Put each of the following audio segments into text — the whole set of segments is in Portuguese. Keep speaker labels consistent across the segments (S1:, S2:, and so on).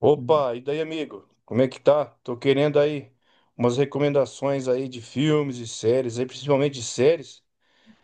S1: Opa, e daí, amigo? Como é que tá? Tô querendo aí umas recomendações aí de filmes e séries, aí principalmente de séries.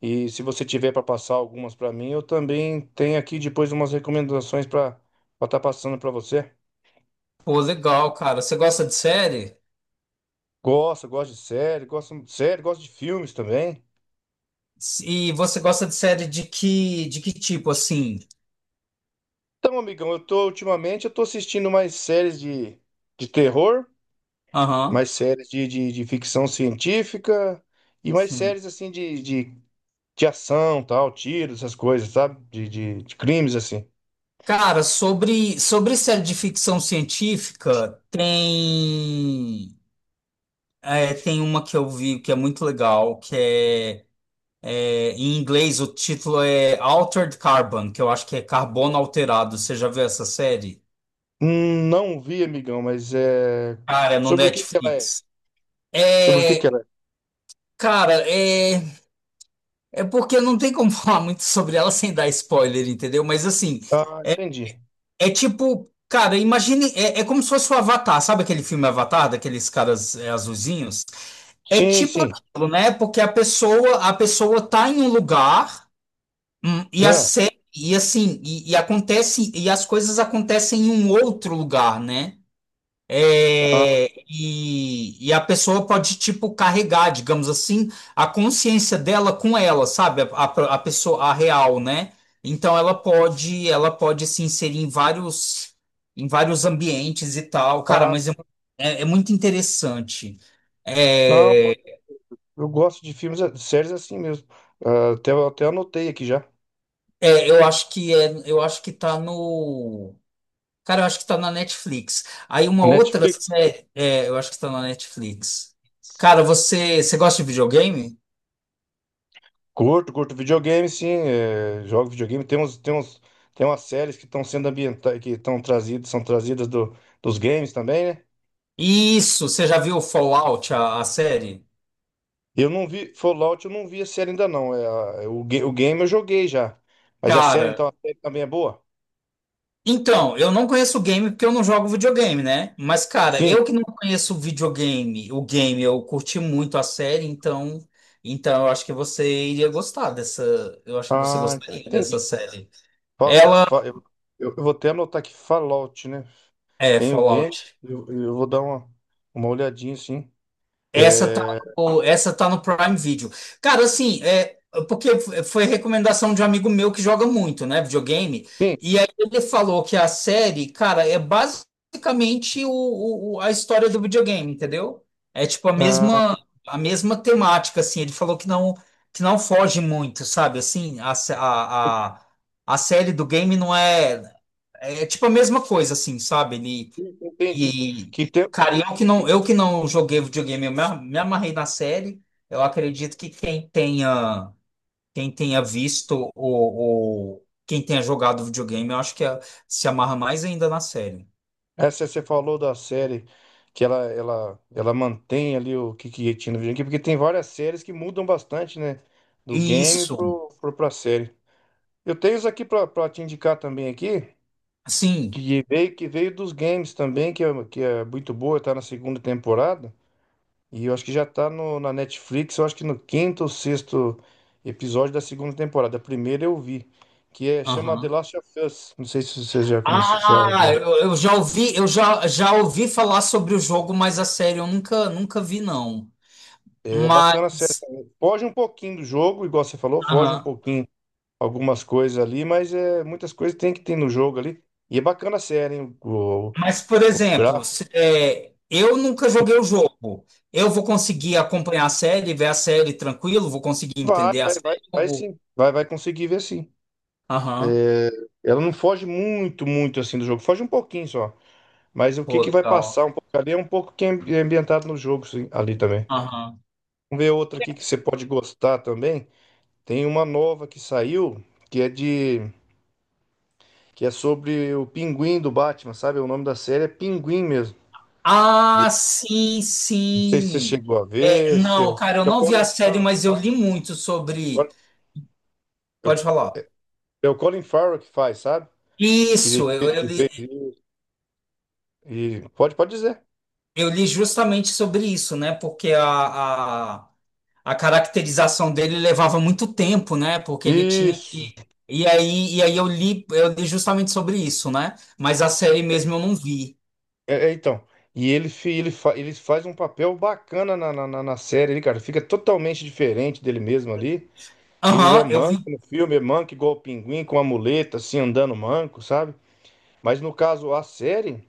S1: E se você tiver para passar algumas para mim, eu também tenho aqui depois umas recomendações para estar passando para você.
S2: Pô, legal, cara. Você gosta de série?
S1: Gosto, gosto de série, gosto de série, gosto de filmes também.
S2: E você gosta de série de que tipo, assim?
S1: Então, amigão, eu tô ultimamente eu tô assistindo mais séries de terror,
S2: Aham,
S1: mais séries de ficção científica e mais
S2: sim.
S1: séries assim de ação, tal, tiros, essas coisas, sabe? De crimes, assim.
S2: Cara, sobre série de ficção científica, tem uma que eu vi que é muito legal, em inglês o título é Altered Carbon, que eu acho que é Carbono Alterado. Você já viu essa série?
S1: Não vi, amigão, mas é.
S2: Cara, é no
S1: Sobre o que que ela é?
S2: Netflix.
S1: Sobre o que que
S2: É,
S1: ela é?
S2: cara, é. É porque não tem como falar muito sobre ela sem dar spoiler, entendeu? Mas assim,
S1: Ah,
S2: é,
S1: entendi.
S2: é tipo, cara, imagine, é como se fosse o Avatar, sabe aquele filme Avatar, daqueles caras azulzinhos? É
S1: Sim,
S2: tipo
S1: sim.
S2: aquilo, né? Porque a pessoa tá em um lugar, e a
S1: Né?
S2: série, e assim, e acontece, e as coisas acontecem em um outro lugar, né?
S1: Ah,
S2: E a pessoa pode, tipo, carregar, digamos assim, a consciência dela com ela, sabe? A pessoa, a real, né? Então ela pode se inserir em vários ambientes e tal. Cara,
S1: ah,
S2: é muito interessante.
S1: não,
S2: É,
S1: eu gosto de filmes, de séries assim mesmo. Ah, até, até anotei aqui já.
S2: eu acho que é, eu acho que tá no. Cara, eu acho que tá na Netflix. Aí uma
S1: A
S2: outra
S1: Netflix.
S2: série, é, eu acho que tá na Netflix. Cara, você gosta de videogame?
S1: Curto, curto videogame, sim. É, jogo videogame. Tem umas séries que estão sendo ambientadas, que estão trazidas, são trazidas dos games também, né?
S2: Isso, você já viu Fallout, a série?
S1: Eu não vi, Fallout eu não vi a série ainda não. É, é o, o game eu joguei já. Mas a série,
S2: Cara,
S1: então, a série também é boa?
S2: então, eu não conheço o game porque eu não jogo videogame, né? Mas, cara, eu
S1: Sim.
S2: que não conheço o videogame, o game, eu curti muito a série, então, então eu acho que você iria gostar dessa, eu acho que você
S1: Ah,
S2: gostaria dessa
S1: entendi.
S2: série.
S1: Fa- fa-
S2: Ela
S1: eu, eu vou até anotar aqui Fallout, né?
S2: é
S1: Tem o game,
S2: Fallout.
S1: eu vou dar uma olhadinha, sim.
S2: Essa tá
S1: É,
S2: no, essa tá no Prime Video. Cara, assim, é, porque foi recomendação de um amigo meu que joga muito, né, videogame,
S1: sim,
S2: e aí ele falou que a série, cara, é basicamente a história do videogame, entendeu? É tipo
S1: ah,
S2: a mesma temática, assim. Ele falou que não foge muito, sabe? Assim, a, sé- a série do game não é é tipo a mesma coisa, assim, sabe?
S1: entendi.
S2: E,
S1: Que tem,
S2: cara,
S1: porque
S2: eu que não joguei videogame, me amarrei na série. Eu acredito que quem tenha visto quem tenha jogado videogame, eu acho que se amarra mais ainda na série.
S1: essa você falou da série que ela mantém ali o que, que tinha no videogame, porque tem várias séries que mudam bastante, né? Do game
S2: Isso,
S1: pra série. Eu tenho isso aqui para te indicar também aqui,
S2: sim.
S1: que veio dos games também, que é muito boa, tá na segunda temporada. E eu acho que já tá no, na Netflix, eu acho que no quinto ou sexto episódio da segunda temporada. A primeira eu vi, que é chama The
S2: Aham.
S1: Last of Us. Não sei se você já começou,
S2: Ah,
S1: já.
S2: eu já ouvi, já ouvi falar sobre o jogo, mas a série eu nunca, nunca vi, não.
S1: É bacana a série
S2: Mas,
S1: também. Foge um pouquinho do jogo, igual você falou, foge um
S2: aham.
S1: pouquinho algumas coisas ali, mas é, muitas coisas tem que ter no jogo ali. E é bacana a série, hein?
S2: Mas, por
S1: O
S2: exemplo,
S1: gráfico.
S2: eu nunca joguei o jogo. Eu vou conseguir acompanhar a série, ver a série tranquilo, vou conseguir entender a série. Eu
S1: Vai
S2: vou-
S1: sim. Vai conseguir ver sim.
S2: Aham.
S1: É, ela não foge muito assim do jogo. Foge um pouquinho só. Mas o que
S2: Pô,
S1: que vai
S2: legal.
S1: passar um pouco ali é um pouco que é é ambientado no jogo sim, ali também.
S2: Aham.
S1: Vamos ver outra aqui que você pode gostar também. Tem uma nova que saiu que é de que é sobre o Pinguim do Batman, sabe? O nome da série é Pinguim mesmo.
S2: Ah,
S1: E
S2: sim,
S1: não sei se você
S2: sim.
S1: chegou a
S2: É,
S1: ver, se
S2: não,
S1: é
S2: cara, eu
S1: é o
S2: não vi a
S1: Colin
S2: série,
S1: Farrell que
S2: mas eu
S1: faz.
S2: li muito sobre. Pode falar.
S1: É o Colin Farrell que faz, sabe? Que,
S2: Isso,
S1: que fez e pode dizer.
S2: eu li justamente sobre isso, né? Porque a caracterização dele levava muito tempo, né? Porque ele tinha
S1: Isso.
S2: que. E aí eu li justamente sobre isso, né? Mas a série mesmo eu não vi.
S1: É, é, então. E ele, fi- ele, fa- ele faz um papel bacana na série, ele, cara. Fica totalmente diferente dele mesmo ali. Ele é
S2: Aham, eu
S1: manco
S2: vi.
S1: no filme, é manco igual o pinguim, com a muleta, assim, andando manco, sabe? Mas no caso, a série,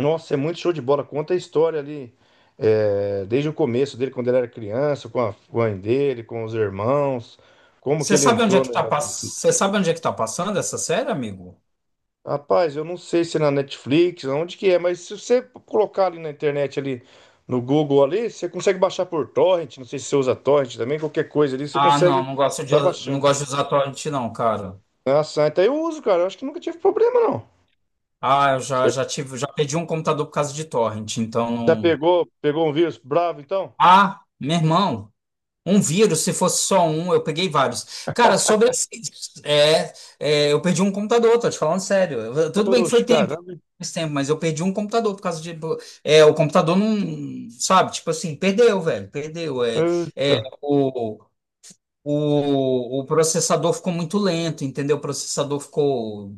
S1: nossa, é muito show de bola. Conta a história ali, é, desde o começo dele, quando ele era criança, com a mãe dele, com os irmãos, como que
S2: Você
S1: ele
S2: sabe onde é
S1: entrou
S2: que
S1: no...
S2: tá pass... Você sabe onde é que tá passando essa série, amigo?
S1: Rapaz, eu não sei se é na Netflix, onde que é, mas se você colocar ali na internet, ali no Google ali, você consegue baixar por torrent, não sei se você usa torrent também, qualquer coisa ali, você
S2: Ah,
S1: consegue tá
S2: não
S1: baixando.
S2: gosto de usar torrent, não, cara.
S1: Ah, Santa, eu uso, cara, eu acho que nunca tive problema, não.
S2: Ah, eu já,
S1: Você
S2: já tive, já pedi um computador por causa de torrent, então.
S1: já
S2: Não.
S1: pegou, pegou um vírus bravo, então?
S2: Ah, meu irmão. Um vírus, se fosse só um, eu peguei vários. Cara, sobre esse, é, eu perdi um computador, tô te falando sério. Eu- tudo bem que
S1: Oxe,
S2: foi tempo,
S1: caramba,
S2: faz tempo, mas eu perdi um computador por causa de, é, o computador não, sabe, tipo assim, perdeu, velho, perdeu. É,
S1: eita.
S2: o processador ficou muito lento, entendeu? O processador ficou.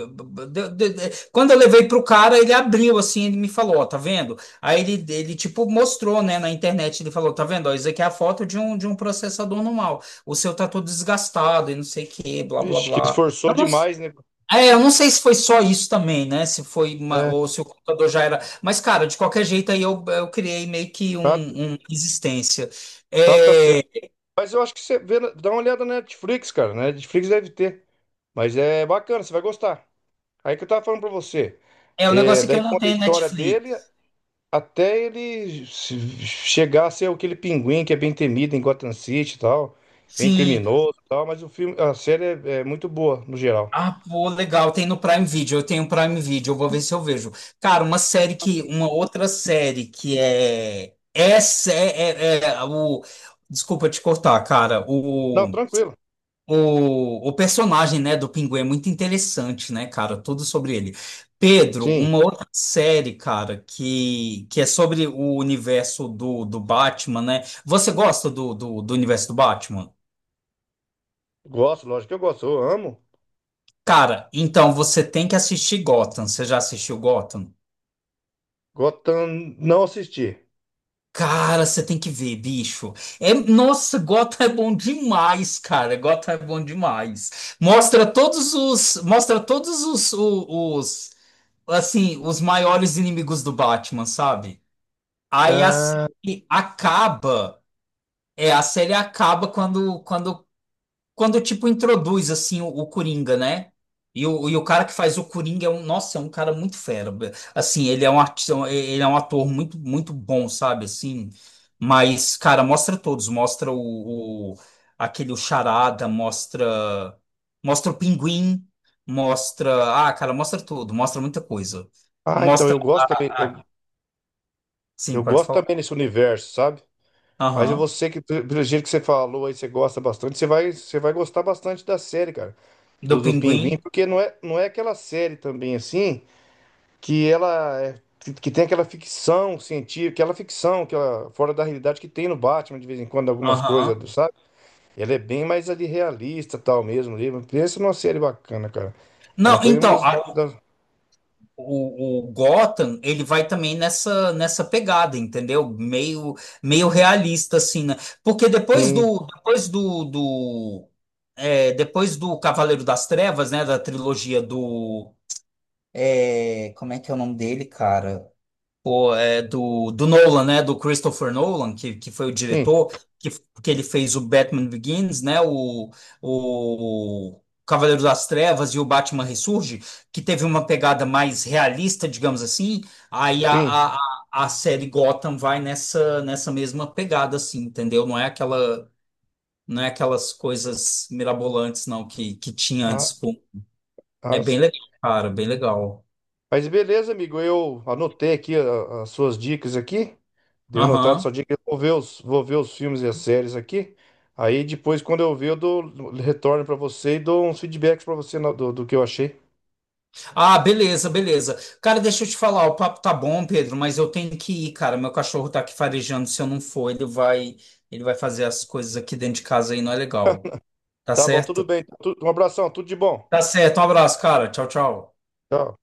S2: Quando eu levei pro cara, ele abriu assim, ele me falou, ó, tá vendo? Aí ele tipo mostrou, né, na internet, ele falou, tá vendo? Ó, isso aqui é a foto de um processador normal. O seu tá todo desgastado e não sei o que, blá, blá,
S1: Vixe, que
S2: blá.
S1: esforçou demais, né?
S2: Eu não sei se foi só isso também, né? Se foi uma,
S1: É,
S2: ou se o computador já era. Mas, cara, de qualquer jeito, aí eu criei meio que
S1: tá,
S2: um resistência.
S1: tá certo.
S2: É.
S1: Mas eu acho que você vê, dá uma olhada na Netflix, cara, na Netflix deve ter, mas é bacana, você vai gostar. Aí que eu tava falando pra você.
S2: É, o
S1: É,
S2: negócio é que
S1: daí
S2: eu não
S1: conta a
S2: tenho
S1: história dele
S2: Netflix.
S1: até ele se- chegar a ser aquele pinguim que é bem temido em Gotham City e tal, bem
S2: Sim.
S1: criminoso e tal, mas o filme, a série é, é muito boa no geral.
S2: Ah, pô, legal. Tem no Prime Video. Eu tenho Prime Video. Eu vou ver se eu vejo. Cara, uma série que. Uma outra série que é. É o. Desculpa te cortar, cara.
S1: Não, tranquilo.
S2: O personagem, né, do Pinguim é muito interessante, né, cara? Tudo sobre ele. Pedro,
S1: Sim,
S2: uma outra série, cara, que é sobre o universo do Batman, né? Você gosta do universo do Batman?
S1: gosto, lógico que eu gosto, eu amo.
S2: Cara, então você tem que assistir Gotham. Você já assistiu Gotham?
S1: Gotham não assisti.
S2: Cara, você tem que ver, bicho. É, nossa, Gotham é bom demais, cara. Gotham é bom demais. Mostra todos os, mostra todos os, assim, os maiores inimigos do Batman, sabe? Aí a série
S1: Ah,
S2: acaba, a série acaba quando tipo introduz assim o Coringa, né? E o cara que faz o Coringa é um, nossa, é um cara muito fera. Assim, ele é um artista, ele é um ator muito bom, sabe? Assim, mas cara, mostra todos, mostra aquele o Charada, mostra o Pinguim, mostra, ah, cara, mostra tudo, mostra muita coisa.
S1: então
S2: Mostra
S1: eu gosto também,
S2: a, a-
S1: eu
S2: sim, pode
S1: gosto também
S2: falar.
S1: desse universo, sabe? Mas
S2: Aham.
S1: você que, pelo pelo jeito que você falou aí, você gosta bastante, você vai gostar bastante da série, cara.
S2: Do
S1: Do, do
S2: Pinguim.
S1: Pinguim, porque não é, não é aquela série também assim que que tem aquela ficção científica, aquela ficção que ela fora da realidade que tem no Batman de vez em quando algumas coisas,
S2: Aham.
S1: do... sabe? Ela é bem mais ali realista, tal mesmo, ali. Pensa numa série bacana, cara. Ela
S2: Não,
S1: foi uma
S2: então,
S1: das, das...
S2: O, o Gotham, ele vai também nessa pegada, entendeu? Meio realista assim, né? Porque
S1: Sim,
S2: depois do, do é, depois do Cavaleiro das Trevas, né, da trilogia do é, como é que é o nome dele, cara? O é do Nolan, né? Do Christopher Nolan, que foi o
S1: sim,
S2: diretor, que, que ele fez o Batman Begins, né? O Cavaleiro das Trevas e o Batman Ressurge, que teve uma pegada mais realista, digamos assim. Aí
S1: sim.
S2: a série Gotham vai nessa, nessa mesma pegada, assim, entendeu? Não é aquela, não é aquelas coisas mirabolantes, não, que tinha antes.
S1: Ah,
S2: Pô. É
S1: ah,
S2: bem legal, cara, bem legal.
S1: mas beleza, amigo, eu anotei aqui as suas dicas aqui. Deu notado
S2: Aham.
S1: sua dica, eu vou ver os filmes e as séries aqui. Aí depois, quando eu ver, eu dou, retorno pra você e dou uns feedbacks pra você do, do que eu achei.
S2: Ah, beleza, beleza. Cara, deixa eu te falar, o papo tá bom, Pedro, mas eu tenho que ir, cara. Meu cachorro tá aqui farejando, se eu não for, ele vai fazer as coisas aqui dentro de casa aí, não é legal. Tá
S1: Tá bom, tudo
S2: certo?
S1: bem. Um abração, tudo de bom.
S2: Tá certo. Um abraço, cara. Tchau, tchau.
S1: Tchau.